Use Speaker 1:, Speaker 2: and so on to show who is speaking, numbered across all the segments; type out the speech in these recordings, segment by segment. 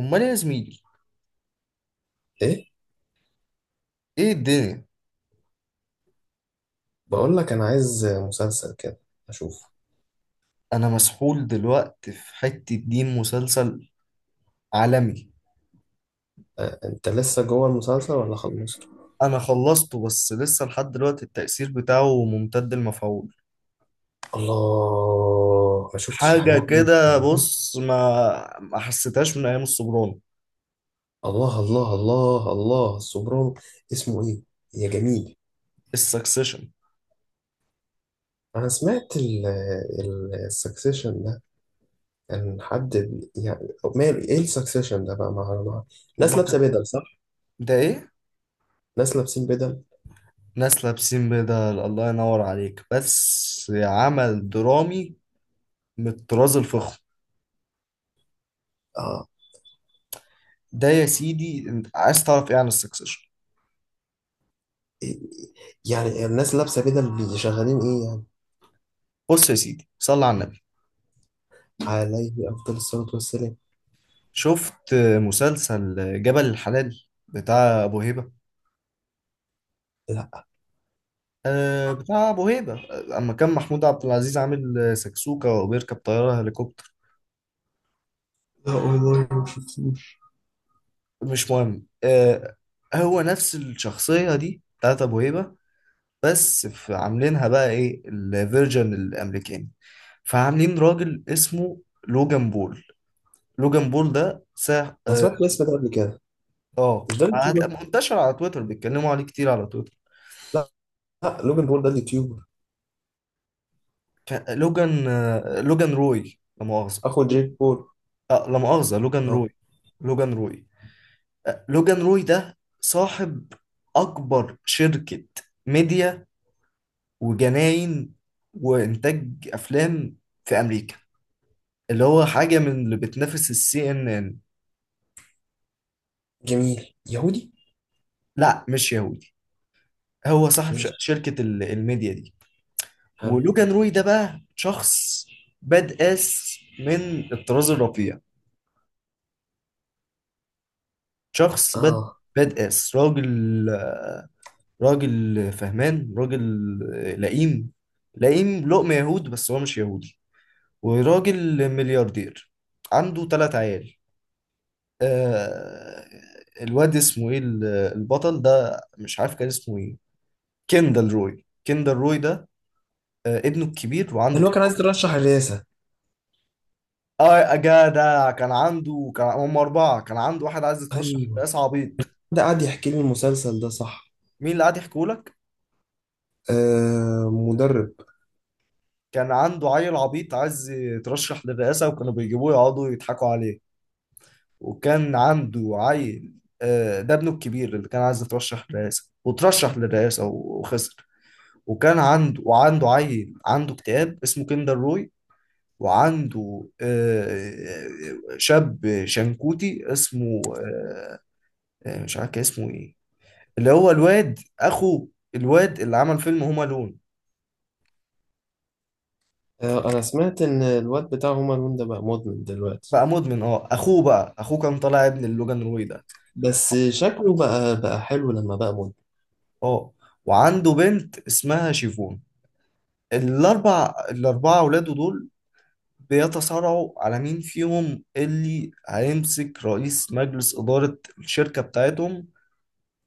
Speaker 1: امال إيه يا زميلي؟
Speaker 2: ايه.
Speaker 1: ايه الدنيا؟
Speaker 2: بقول لك انا عايز مسلسل كده اشوف.
Speaker 1: انا مسحول دلوقتي في حتة دين مسلسل عالمي.
Speaker 2: أه، انت لسه جوه المسلسل ولا خلصته؟
Speaker 1: انا خلصته بس لسه لحد دلوقتي التأثير بتاعه ممتد المفعول.
Speaker 2: الله، ما شفتش
Speaker 1: حاجة
Speaker 2: الحاجات دي.
Speaker 1: كده، بص، ما حسيتهاش من ايام السوبرانو.
Speaker 2: الله الله الله الله السوبرانو. اسمه ايه يا جميل؟
Speaker 1: السكسيشن.
Speaker 2: انا سمعت ال السكسيشن ده. كان حد يعني ماله ايه السكسيشن ده بقى ناس لابسه
Speaker 1: ما-
Speaker 2: بدل، صح؟
Speaker 1: ده ايه؟
Speaker 2: ناس لابسين بدل.
Speaker 1: ناس لابسين بدل. الله ينور عليك، بس عمل درامي من الطراز الفخم.
Speaker 2: اه.
Speaker 1: ده يا سيدي انت عايز تعرف ايه عن السكسيشن؟
Speaker 2: إيه- يعني الناس لابسه بدل شغالين ايه يعني؟
Speaker 1: بص يا سيدي، صلى على النبي.
Speaker 2: عليه افضل الصلاه والسلام.
Speaker 1: شفت مسلسل جبل الحلال بتاع ابو هيبه؟
Speaker 2: لا،
Speaker 1: أه، بتاع ابو هيبه، اما كان محمود عبد العزيز عامل سكسوكه وبيركب طياره هليكوبتر.
Speaker 2: لا والله ما شفتوش.
Speaker 1: مش مهم. أه، هو نفس الشخصيه دي بتاعت ابو هيبه، بس في عاملينها بقى ايه الفيرجن الامريكاني. فعاملين راجل اسمه لوجان بول. لوجان بول ده ساح،
Speaker 2: انا
Speaker 1: اه.
Speaker 2: سمعت الاسم ده قبل كده. مش ده
Speaker 1: هتلاقي
Speaker 2: اليوتيوبر؟
Speaker 1: منتشر على تويتر بيتكلموا عليه كتير على تويتر.
Speaker 2: لا، لا، لوجان بول ده اليوتيوبر،
Speaker 1: لوجان، لوجان روي، لا مؤاخذة.
Speaker 2: اخو جيك بول.
Speaker 1: لا مؤاخذة، لوجان
Speaker 2: اه.
Speaker 1: روي. لوجان روي. لوجان روي ده صاحب أكبر شركة ميديا وجناين وإنتاج أفلام في أمريكا، اللي هو حاجة من اللي بتنافس السي إن إن.
Speaker 2: جميل يهودي.
Speaker 1: لا، مش يهودي. هو صاحب
Speaker 2: ماشي.
Speaker 1: شركة الميديا دي.
Speaker 2: حلو.
Speaker 1: ولوجان روي ده بقى شخص باد آس من الطراز الرفيع. شخص باد
Speaker 2: اه،
Speaker 1: باد آس. راجل، راجل فهمان، راجل لئيم. لئيم لقمة يهود، بس هو مش يهودي. وراجل ملياردير. عنده تلات عيال. آه، الواد اسمه ايه، البطل ده مش عارف كان اسمه ايه. كيندل روي. كيندل روي ده آه ابنه الكبير، وعنده
Speaker 2: اللي هو كان
Speaker 1: كتير.
Speaker 2: عايز يترشح الرئاسة.
Speaker 1: اه، جدع، كان عنده كان هم أربعة. كان عنده واحد عايز يترشح
Speaker 2: ايوه،
Speaker 1: لرئاسة، عبيط.
Speaker 2: ده قاعد يحكي لي المسلسل ده صح.
Speaker 1: مين اللي قاعد يحكوا لك؟
Speaker 2: آه، مدرب.
Speaker 1: كان عنده عيل عبيط عايز يترشح للرئاسة، وكانوا بيجيبوه يقعدوا يضحكوا عليه. وكان عنده عيل، آه، ده ابنه الكبير اللي كان عايز يترشح للرئاسة وترشح للرئاسة وخسر. وكان عنده وعنده عيل عنده اكتئاب اسمه كيندر روي. وعنده شاب شنكوتي اسمه مش عارف كان اسمه ايه، اللي هو الواد اخو الواد اللي عمل فيلم هوم الون.
Speaker 2: آه، انا سمعت ان الواد بتاع هما لون ده بقى مدمن دلوقتي.
Speaker 1: بقى مدمن، اه. اخوه بقى، اخوه كان طالع ابن اللوجان روي ده.
Speaker 2: بس شكله بقى حلو لما بقى مدمن.
Speaker 1: اه. وعنده بنت اسمها شيفون. الاربعه اولاده دول بيتصارعوا على مين فيهم اللي هيمسك رئيس مجلس إدارة الشركة بتاعتهم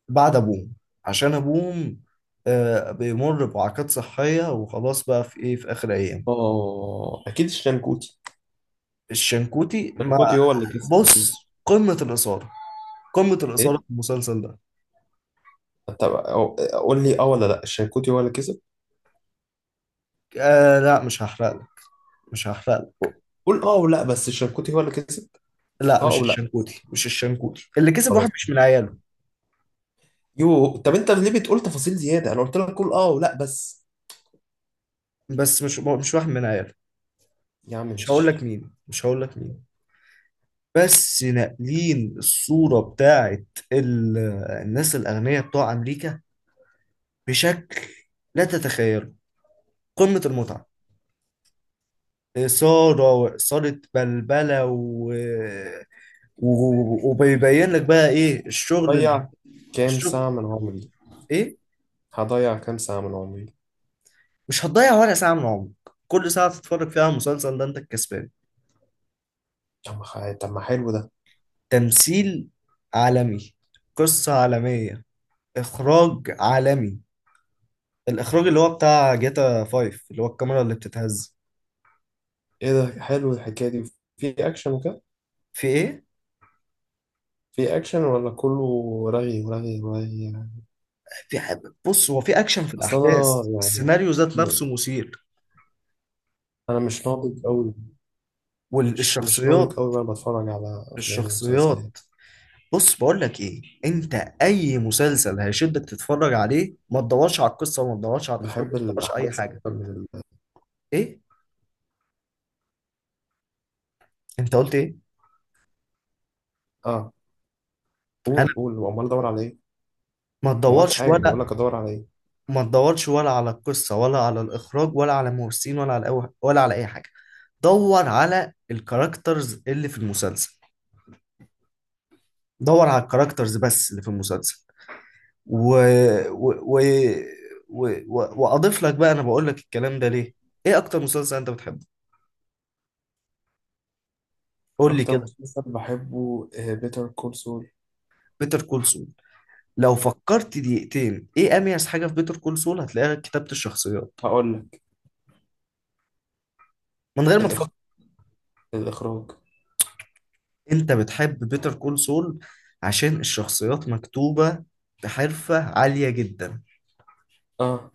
Speaker 1: بعد أبوهم، عشان أبوهم بيمر بوعكات صحية وخلاص بقى في إيه، في آخر أيام.
Speaker 2: اه، اكيد الشنكوتي.
Speaker 1: الشنكوتي ما.
Speaker 2: الشنكوتي هو اللي كسب
Speaker 1: بص،
Speaker 2: اكيد.
Speaker 1: قمة الإثارة. قمة الإثارة
Speaker 2: ايه؟
Speaker 1: في المسلسل ده.
Speaker 2: طب قول لي اه ولا لا. الشنكوتي هو اللي كسب.
Speaker 1: آه، لا، مش هحرق لك. مش هحرق لك.
Speaker 2: قول اه ولا بس. الشنكوتي هو اللي كسب،
Speaker 1: لا،
Speaker 2: اه
Speaker 1: مش
Speaker 2: ولا؟
Speaker 1: الشنكوتي، مش الشنكوتي اللي كسب. واحد
Speaker 2: خلاص.
Speaker 1: مش من عياله.
Speaker 2: يو، طب انت ليه بتقول تفاصيل زياده؟ انا قلت لك قول اه ولا بس.
Speaker 1: بس مش واحد من عياله.
Speaker 2: يا عم
Speaker 1: مش هقول لك
Speaker 2: ماشي.
Speaker 1: مين، مش هقول لك مين. بس ناقلين الصورة بتاعت ال- الناس الأغنياء بتوع أمريكا بشكل لا تتخيله. قمة المتعة. إثارة وإثارة بلبلة وبيبين لك بقى إيه الشغل.
Speaker 2: ضيع كام ساعه
Speaker 1: الشغل
Speaker 2: من عمري.
Speaker 1: إيه؟
Speaker 2: هضيع كام ساعه من عمري؟
Speaker 1: مش هتضيع ولا ساعة من عمرك. كل ساعة تتفرج فيها على المسلسل ده أنت الكسبان.
Speaker 2: طب ما حلو ده.
Speaker 1: تمثيل عالمي، قصة عالمية، إخراج عالمي. الإخراج اللي هو بتاع جاتا 5، اللي هو الكاميرا اللي بتتهز.
Speaker 2: ايه ده، حلو الحكايه دي. في اكشن وكده؟
Speaker 1: في إيه؟
Speaker 2: في اكشن ولا كله رغي ورغي ورغي؟
Speaker 1: في ح- بص، هو في اكشن، في
Speaker 2: اصل
Speaker 1: الاحداث،
Speaker 2: انا يعني
Speaker 1: السيناريو ذات نفسه مثير.
Speaker 2: انا مش ناضج قوي. مش ناضج
Speaker 1: والشخصيات،
Speaker 2: قوي وانا بتفرج على افلام
Speaker 1: الشخصيات.
Speaker 2: ومسلسلات.
Speaker 1: بص بقول لك ايه انت، اي مسلسل هيشدك تتفرج عليه ما تدورش على القصه، وما تدورش على الاخراج،
Speaker 2: بحب
Speaker 1: وما تدورش على اي
Speaker 2: الاحداث
Speaker 1: حاجه.
Speaker 2: اكتر من ال-.
Speaker 1: ايه؟ انت قلت ايه؟
Speaker 2: اه،
Speaker 1: انا،
Speaker 2: قول قول. وامال ادور على ايه؟
Speaker 1: ما
Speaker 2: ما قلتش
Speaker 1: تدورش
Speaker 2: حاجة، بقول
Speaker 1: ولا.
Speaker 2: لك أدور على إيه؟
Speaker 1: ما تدورش ولا على القصه، ولا على الاخراج، ولا على الممثلين، ولا على ولا على اي حاجه. دور على الكاركترز اللي في المسلسل. دور على الكاركترز بس اللي في المسلسل. و... و... و... واضيف لك بقى، انا بقول لك الكلام ده ليه. ايه اكتر مسلسل انت بتحبه؟ قول لي
Speaker 2: أكتر
Speaker 1: كده.
Speaker 2: مسلسل بحبه بيتر كول سول.
Speaker 1: بيتر كول سول. لو
Speaker 2: أهو،
Speaker 1: فكرت دقيقتين ايه اميز حاجه في بيتر كول سول هتلاقيها كتابه الشخصيات،
Speaker 2: هقول لك.
Speaker 1: من غير ما
Speaker 2: الإخ...
Speaker 1: تفكر.
Speaker 2: الإخراج.
Speaker 1: انت بتحب بيتر كول سول عشان الشخصيات مكتوبه بحرفه عاليه جدا.
Speaker 2: آه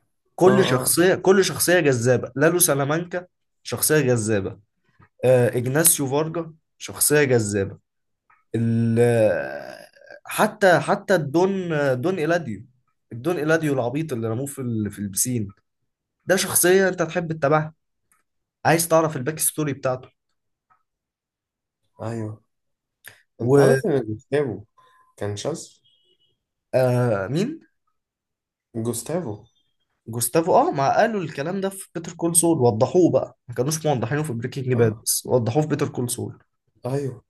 Speaker 2: آه
Speaker 1: كل
Speaker 2: آه.
Speaker 1: شخصيه، كل شخصيه جذابه. لالو سلامانكا شخصيه جذابه. اجناسيو فارجا شخصيه جذابه. ال حتى الدون، دون إيلاديو. الدون إيلاديو العبيط اللي رموه في في البسين، ده شخصية أنت هتحب تتابعها، عايز تعرف الباك ستوري بتاعته.
Speaker 2: أيوه. أنت
Speaker 1: ومين؟
Speaker 2: عارف إن جوستافو كان شاذ؟ جوستافو.
Speaker 1: جوستافو، اه، ما قالوا الكلام ده في بيتر كول سول، وضحوه بقى، ما كانوش موضحينه في بريكنج باد،
Speaker 2: آه،
Speaker 1: بس وضحوه في بيتر كول سول.
Speaker 2: أيوه،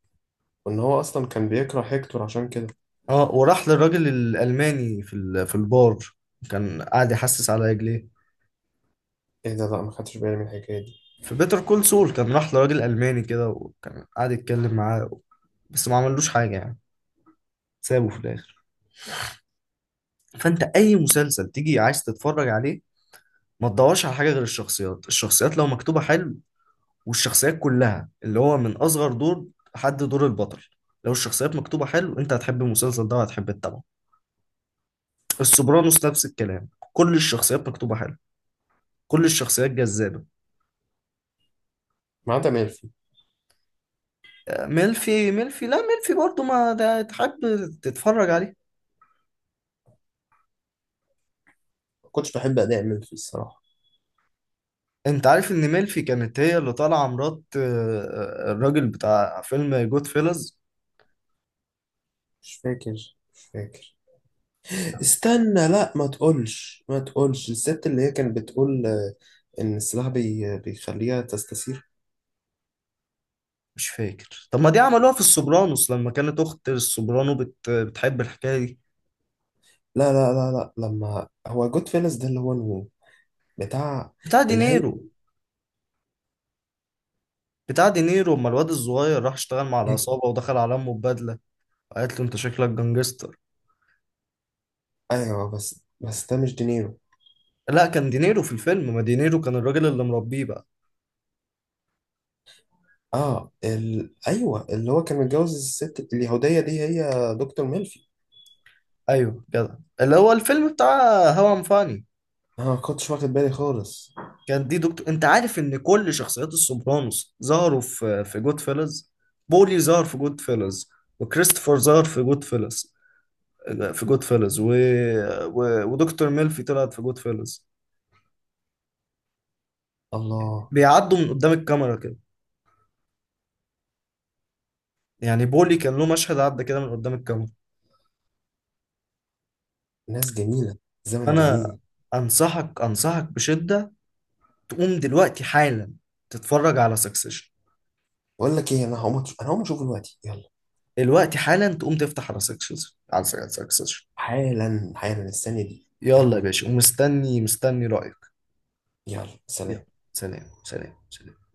Speaker 2: وإن هو أصلا كان بيكره هيكتور عشان كده.
Speaker 1: اه، وراح للراجل الألماني في في البار، كان قاعد يحسس على رجليه.
Speaker 2: إيه ده؟ لأ، ما خدتش بالي من الحكاية دي.
Speaker 1: في بيتر كول سول كان راح لراجل ألماني كده وكان قاعد يتكلم معاه، بس ما عملوش حاجة يعني. سابه في الاخر. فانت اي مسلسل تيجي عايز تتفرج عليه، ما تدورش على حاجه غير الشخصيات. الشخصيات لو مكتوبه حلو، والشخصيات كلها اللي هو من اصغر دور لحد دور البطل، لو الشخصيات مكتوبه حلو، انت هتحب المسلسل ده وهتحب تتابعه. السوبرانوس نفس الكلام، كل الشخصيات مكتوبه حلو، كل الشخصيات جذابه.
Speaker 2: ما عدا ميلفي.
Speaker 1: ميلفي. ميلفي لا ميلفي برضو ما ده تحب تتفرج عليه.
Speaker 2: ما كنتش بحب أداء ميلفي الصراحة.
Speaker 1: انت عارف ان ميلفي كانت هي اللي طالعه مرات الراجل بتاع فيلم جود فيلز؟
Speaker 2: مش فاكر استنى. لأ، ما تقولش ما تقولش، الست اللي هي كانت بتقول إن السلاح بيخليها تستثير.
Speaker 1: مش فاكر. طب ما دي عملوها في السوبرانوس لما كانت اخت السوبرانو بتحب الحكايه دي.
Speaker 2: لا لا لا لا، لما هو جود فيلز ده، اللي هو الو بتاع،
Speaker 1: بتاع
Speaker 2: اللي هي.
Speaker 1: دينيرو. بتاع دينيرو اما الواد الصغير راح اشتغل مع العصابه ودخل على امه ببدله، قالت له انت شكلك جانجستر.
Speaker 2: ايوه، بس ده مش دينيرو.
Speaker 1: لا، كان دينيرو في الفيلم، ما دينيرو كان الراجل اللي مربيه بقى.
Speaker 2: اه، ايوه اللي هو كان متجوز الست اليهودية دي، هي دكتور ميلفي.
Speaker 1: ايوه كده، اللي هو الفيلم بتاع هوا ام فاني.
Speaker 2: انا ما كنتش واخد بالي خالص.
Speaker 1: كان دي دكتور. انت عارف ان كل شخصيات السوبرانوس ظهروا في جود فيلز؟ بولي ظهر في جود فيلز، وكريستوفر ظهر في جود فيلز، في جود فيلز ودكتور ميلفي طلعت في جود فيلز.
Speaker 2: الله.
Speaker 1: بيعدوا من قدام الكاميرا كده، يعني بولي كان له مشهد عدى كده من قدام الكاميرا.
Speaker 2: ناس جميلة. زمن
Speaker 1: فانا
Speaker 2: جميل.
Speaker 1: انصحك، انصحك بشدة، تقوم دلوقتي حالا تتفرج على سكسيشن.
Speaker 2: بقول لك ايه، انا هقوم اشوفه دلوقتي يلا.
Speaker 1: دلوقتي حالا تقوم تفتح على سكسيشن، على سكسيشن.
Speaker 2: حالا حالا الثانية دي.
Speaker 1: يلا يا
Speaker 2: يلا.
Speaker 1: باشا، ومستني، مستني رأيك.
Speaker 2: يلا
Speaker 1: يلا،
Speaker 2: سلام.
Speaker 1: سلام. سلام، سلام.